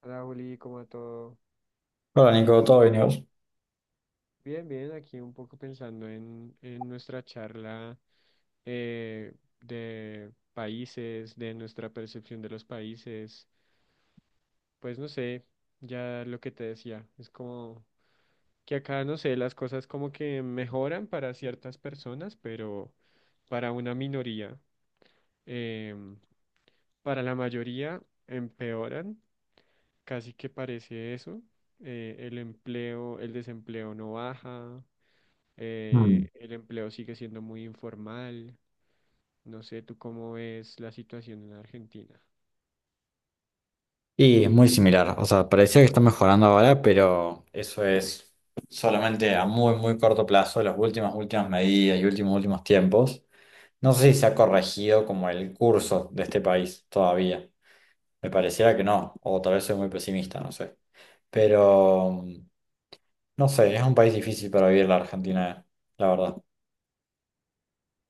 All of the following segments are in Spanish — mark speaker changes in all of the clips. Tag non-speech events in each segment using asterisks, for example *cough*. Speaker 1: Hola Juli, ¿cómo va todo?
Speaker 2: Hola Nico, ¿todo bien y vos?
Speaker 1: Bien, bien, aquí un poco pensando en nuestra charla eh, de países, de nuestra percepción de los países. Pues no sé, ya lo que te decía, es como que acá, no sé, las cosas como que mejoran para ciertas personas, pero para una minoría, em, para la mayoría empeoran, casi que parece eso. El empleo, el desempleo no baja.
Speaker 2: Mm.
Speaker 1: El empleo sigue siendo muy informal. No sé, ¿tú cómo ves la situación en Argentina?
Speaker 2: Y es muy similar, o sea, parecía que está mejorando ahora, pero eso es solamente a muy, muy corto plazo, las últimas medidas y últimos tiempos. No sé si se ha corregido como el curso de este país todavía. Me pareciera que no, o tal vez soy muy pesimista, no sé. Pero, no sé, es un país difícil para vivir la Argentina, la verdad.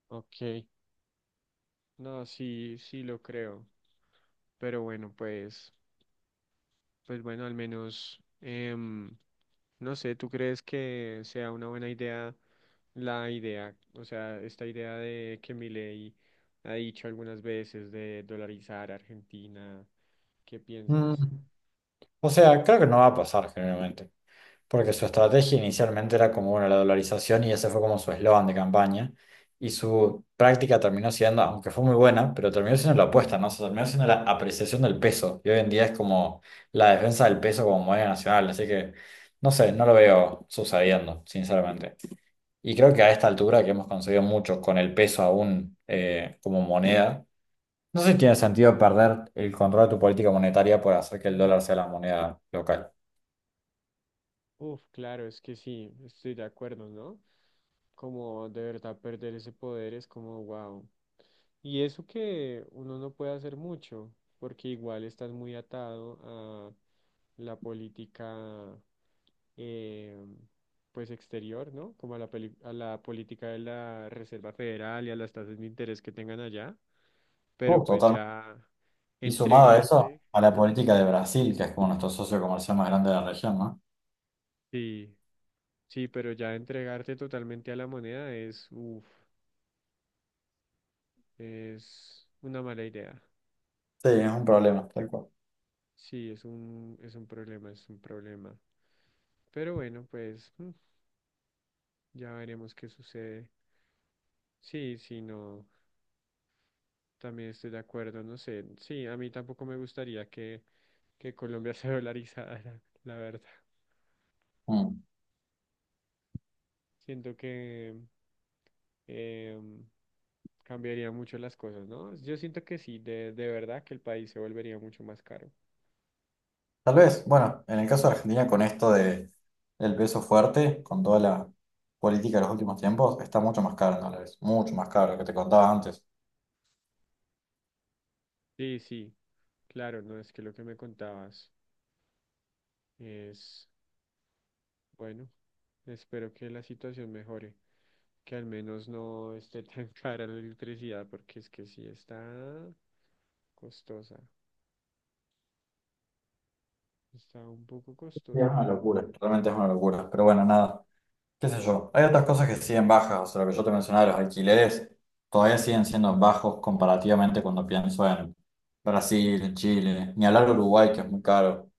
Speaker 1: Ok, no, sí, sí lo creo, pero bueno, pues bueno, al menos, no sé, ¿tú crees que sea una buena idea la idea, o sea, esta idea de que Milei ha dicho algunas veces de dolarizar Argentina? ¿Qué
Speaker 2: Mm,
Speaker 1: piensas?
Speaker 2: O sea, creo que no va a pasar generalmente. Porque su estrategia inicialmente era como, bueno, la dolarización y ese fue como su eslogan de campaña. Y su práctica terminó siendo, aunque fue muy buena, pero terminó siendo la opuesta, ¿no? O sea, terminó siendo la apreciación del peso. Y hoy en día es como la defensa del peso como moneda nacional. Así que, no sé, no lo veo sucediendo, sinceramente. Y creo que a esta altura que hemos conseguido mucho con el peso aún como moneda, no sé si tiene sentido perder el control de tu política monetaria por hacer que el dólar sea la moneda local.
Speaker 1: Uf, claro, es que sí, estoy de acuerdo, ¿no? Como de verdad perder ese poder es como wow. Y eso que uno no puede hacer mucho, porque igual estás muy atado a la política, eh, pues exterior, ¿no? Como a a la política de la Reserva Federal y a las tasas de interés que tengan allá. Pero pues
Speaker 2: Totalmente.
Speaker 1: ya
Speaker 2: Y sumado a eso,
Speaker 1: entregarte,
Speaker 2: a la política de Brasil, que es como nuestro socio comercial más grande de la región, ¿no?
Speaker 1: sí, sí, pero ya entregarte totalmente a la moneda es, uff. Es una mala idea.
Speaker 2: Sí, es un problema, tal cual.
Speaker 1: Sí, es un problema, es un problema. Pero bueno, pues ya veremos qué sucede. Sí, sí, no, también estoy de acuerdo, no sé. Sí, a mí tampoco me gustaría que Colombia *laughs* se dolarizara, la verdad.
Speaker 2: Mm.
Speaker 1: Siento que em, cambiaría mucho las cosas, ¿no? Yo siento que sí, de verdad que el país se volvería mucho más caro.
Speaker 2: Tal vez, bueno, en el caso de Argentina, con esto de el peso fuerte, con toda la política de los últimos tiempos, está mucho más caro en dólares, mucho más caro, lo que te contaba antes.
Speaker 1: Sí, sí, claro, no es que lo que me contabas es... Bueno, espero que la situación mejore, que al menos no esté tan *laughs* cara la electricidad, porque es que sí está costosa, está un poco
Speaker 2: Sí, es
Speaker 1: costosa.
Speaker 2: una locura, realmente es una locura. Pero bueno, nada, qué sé yo. Hay otras cosas que siguen bajas, o sea, lo que yo te mencionaba, los alquileres, todavía siguen siendo bajos comparativamente cuando pienso en Brasil, en Chile, ni hablar de Uruguay, que es muy caro.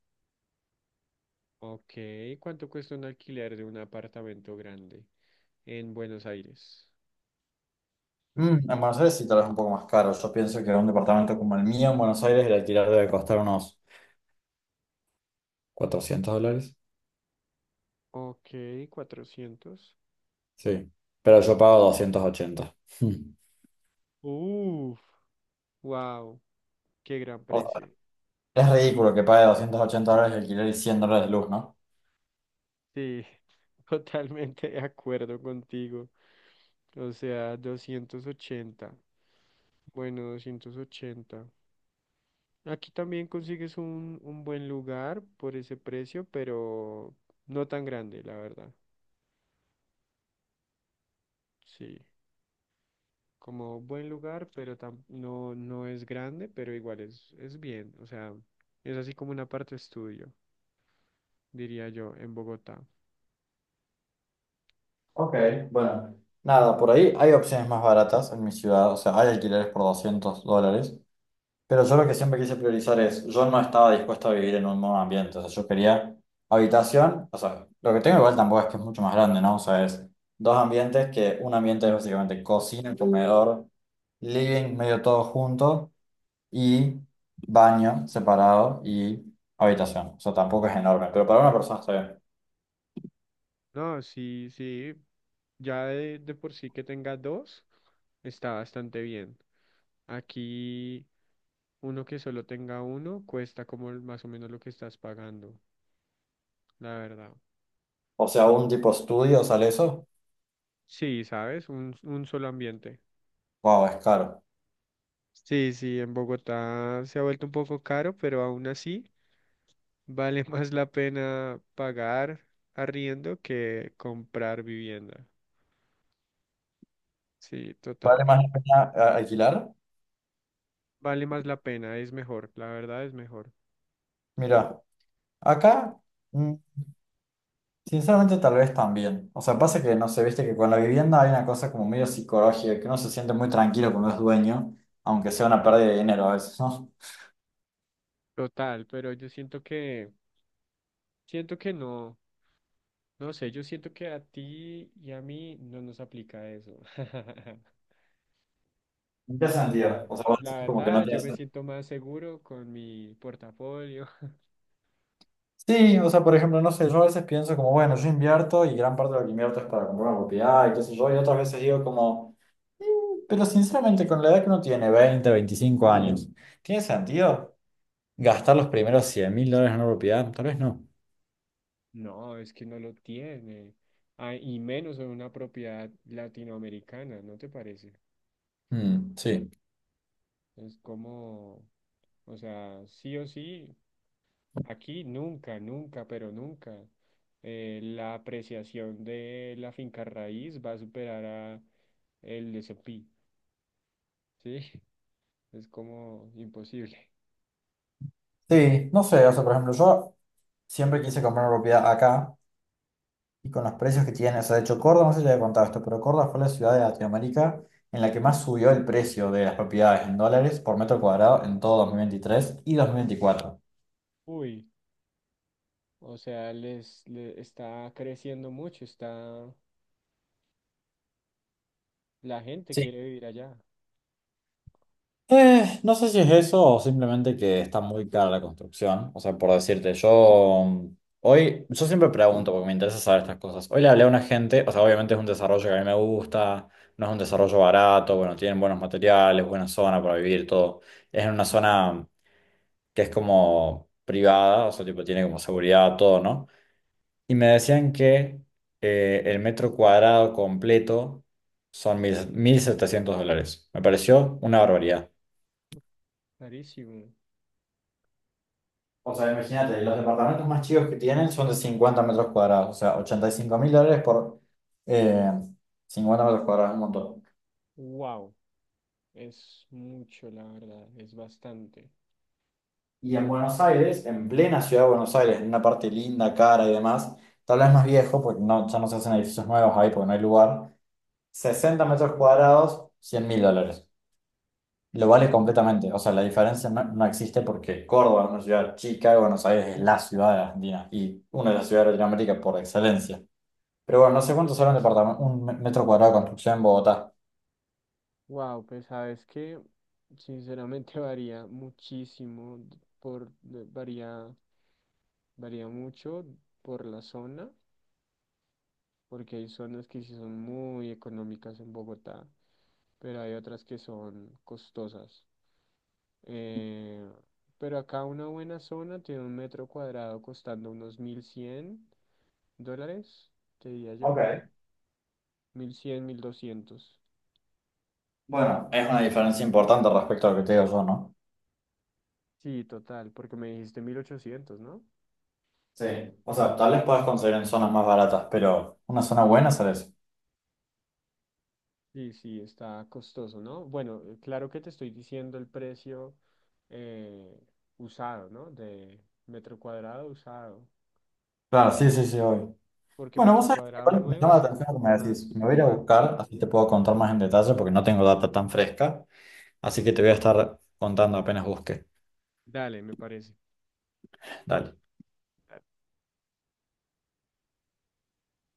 Speaker 1: Ok, ¿cuánto cuesta un alquiler de un apartamento grande en Buenos Aires?
Speaker 2: En Buenos Aires sí, tal vez un poco más caro. Yo pienso que un departamento como el mío en Buenos Aires el alquiler debe costar unos $400.
Speaker 1: Ok, 400.
Speaker 2: Sí, pero yo pago 280. Mm. *laughs*
Speaker 1: Uf, wow, qué gran
Speaker 2: O sea,
Speaker 1: precio.
Speaker 2: es ridículo que pague $280 de alquiler y $100 de luz, ¿no?
Speaker 1: Sí, *laughs* totalmente de acuerdo contigo. O sea, 280. Bueno, 280. Aquí también consigues un buen lugar por ese precio, pero no tan grande, la verdad. Sí, como buen lugar, pero no, no es grande, pero igual es bien. O sea, es así como una parte estudio, diría yo, en Bogotá.
Speaker 2: Ok, bueno. Nada, por ahí hay opciones más baratas en mi ciudad. O sea, hay alquileres por $200. Pero yo lo que siempre quise priorizar es, yo no estaba dispuesto a vivir en un nuevo ambiente, o sea, yo quería habitación, o sea, lo que tengo igual tampoco es que es mucho más grande, ¿no? O sea, es dos ambientes que un ambiente es básicamente cocina, comedor, living, medio todo junto y baño separado y habitación, o sea, tampoco es enorme, pero para una persona está bien.
Speaker 1: No, sí, sí. Ya de por sí que tenga dos, está bastante bien. Aquí uno que solo tenga uno cuesta como más o menos lo que estás pagando, la verdad.
Speaker 2: O sea, un tipo estudio sale eso,
Speaker 1: Sí, ¿sabes? Un solo ambiente.
Speaker 2: wow, es caro.
Speaker 1: Sí, sí, en Bogotá se ha vuelto un poco caro, pero aún así vale *laughs* más la pena pagar arriendo que comprar vivienda. Sí, total.
Speaker 2: ¿Vale más la pena alquilar?
Speaker 1: Vale más la pena, es mejor, la verdad es mejor.
Speaker 2: Mira, acá... mm, Sinceramente, tal vez también. O sea, pasa que, no sé, viste que con la vivienda hay una cosa como medio psicológica, que uno se siente muy tranquilo cuando es dueño, aunque sea una pérdida de dinero a veces, ¿no?
Speaker 1: Total, pero yo siento que no, no sé, yo siento que a ti y a mí no nos aplica eso. *laughs*
Speaker 2: ¿En qué
Speaker 1: O
Speaker 2: sentido?
Speaker 1: sea,
Speaker 2: O sea, vos
Speaker 1: la
Speaker 2: decís como que
Speaker 1: verdad,
Speaker 2: no
Speaker 1: yo
Speaker 2: tiene
Speaker 1: me
Speaker 2: sentido.
Speaker 1: siento más seguro con mi portafolio. *laughs*
Speaker 2: Sí, o sea, por ejemplo, no sé, yo a veces pienso como, bueno, yo invierto y gran parte de lo que invierto es para comprar una propiedad y qué sé yo, y otras veces digo como, pero sinceramente, con la edad que uno tiene, 20 25 años, ¿tiene sentido gastar los primeros $100,000 en una propiedad? Tal vez no.
Speaker 1: No, es que no lo tiene. Ah, y menos en una propiedad latinoamericana, ¿no te parece?
Speaker 2: Mm, sí.
Speaker 1: Es como, o sea, sí o sí. Aquí nunca, nunca, pero nunca. La apreciación de la finca raíz va a superar a el S&P, ¿sí? *laughs* Es como imposible. Sí.
Speaker 2: Sí, no sé, o sea, por ejemplo, yo siempre quise comprar una propiedad acá y con los precios que tiene, o sea, de hecho Córdoba, no sé si te había contado esto, pero Córdoba fue la ciudad de Latinoamérica en la que más subió el precio de las propiedades en dólares por metro cuadrado en todo 2023 y 2024.
Speaker 1: Uy, o sea, está creciendo mucho, está, la gente
Speaker 2: Sí.
Speaker 1: quiere vivir allá,
Speaker 2: No sé si es eso o simplemente que está muy cara la construcción. O sea, por decirte, yo hoy, yo siempre pregunto porque me interesa saber estas cosas. Hoy le hablé a una gente, o sea, obviamente es un desarrollo que a mí me gusta, no es un desarrollo barato, bueno, tienen buenos materiales, buena zona para vivir, todo. Es en una zona que es como privada, o sea, tipo tiene como seguridad, todo, ¿no? Y me decían que el metro cuadrado completo son mil, $1,700. Me pareció una barbaridad.
Speaker 1: clarísimo.
Speaker 2: O sea, imagínate, los departamentos más chicos que tienen son de 50 metros cuadrados, o sea, $85,000 por eh, 50 metros cuadrados, un montón.
Speaker 1: Wow, es mucho, la verdad, es bastante.
Speaker 2: Y en Buenos Aires, en plena ciudad de Buenos Aires, en una parte linda, cara y demás, tal vez más viejo, porque no, ya no se hacen edificios nuevos ahí porque no hay lugar, 60 metros cuadrados, $100,000. Lo vale completamente, o sea, la diferencia no, no existe porque Córdoba es una ciudad chica y Buenos Aires es la ciudad de Argentina y una de las ciudades de Latinoamérica por excelencia. Pero bueno, no sé cuánto sale un departamento, un metro cuadrado de construcción en Bogotá.
Speaker 1: Wow, pues sabes que sinceramente *laughs* varía muchísimo, varía mucho por la zona, porque hay zonas que sí son muy económicas en Bogotá, pero hay otras que son costosas. Eh, pero acá una buena zona tiene un metro cuadrado costando unos $1,100, te diría yo,
Speaker 2: Ok.
Speaker 1: 1,100 1,200,
Speaker 2: Bueno, es una diferencia importante respecto a lo que te digo yo, ¿no?
Speaker 1: sí, total, porque me dijiste 1,800, ¿no?
Speaker 2: Sí. O sea, tal vez puedas conseguir en zonas más baratas, pero una zona buena sale eso.
Speaker 1: Sí, sí, está costoso, ¿no? Bueno, claro que te estoy diciendo el precio eh, usado, ¿no? De metro cuadrado usado,
Speaker 2: Claro, sí, sí, sí, obvio.
Speaker 1: porque
Speaker 2: Bueno, vos
Speaker 1: metro
Speaker 2: sabés que
Speaker 1: cuadrado
Speaker 2: igual me
Speaker 1: nuevo
Speaker 2: llama la
Speaker 1: sí es
Speaker 2: atención lo que
Speaker 1: mucho
Speaker 2: me decís.
Speaker 1: más
Speaker 2: Me voy a ir a
Speaker 1: caro.
Speaker 2: buscar, así te puedo contar más en detalle porque no tengo data tan fresca. Así que te voy a estar contando apenas busque.
Speaker 1: Dale, me parece.
Speaker 2: Dale.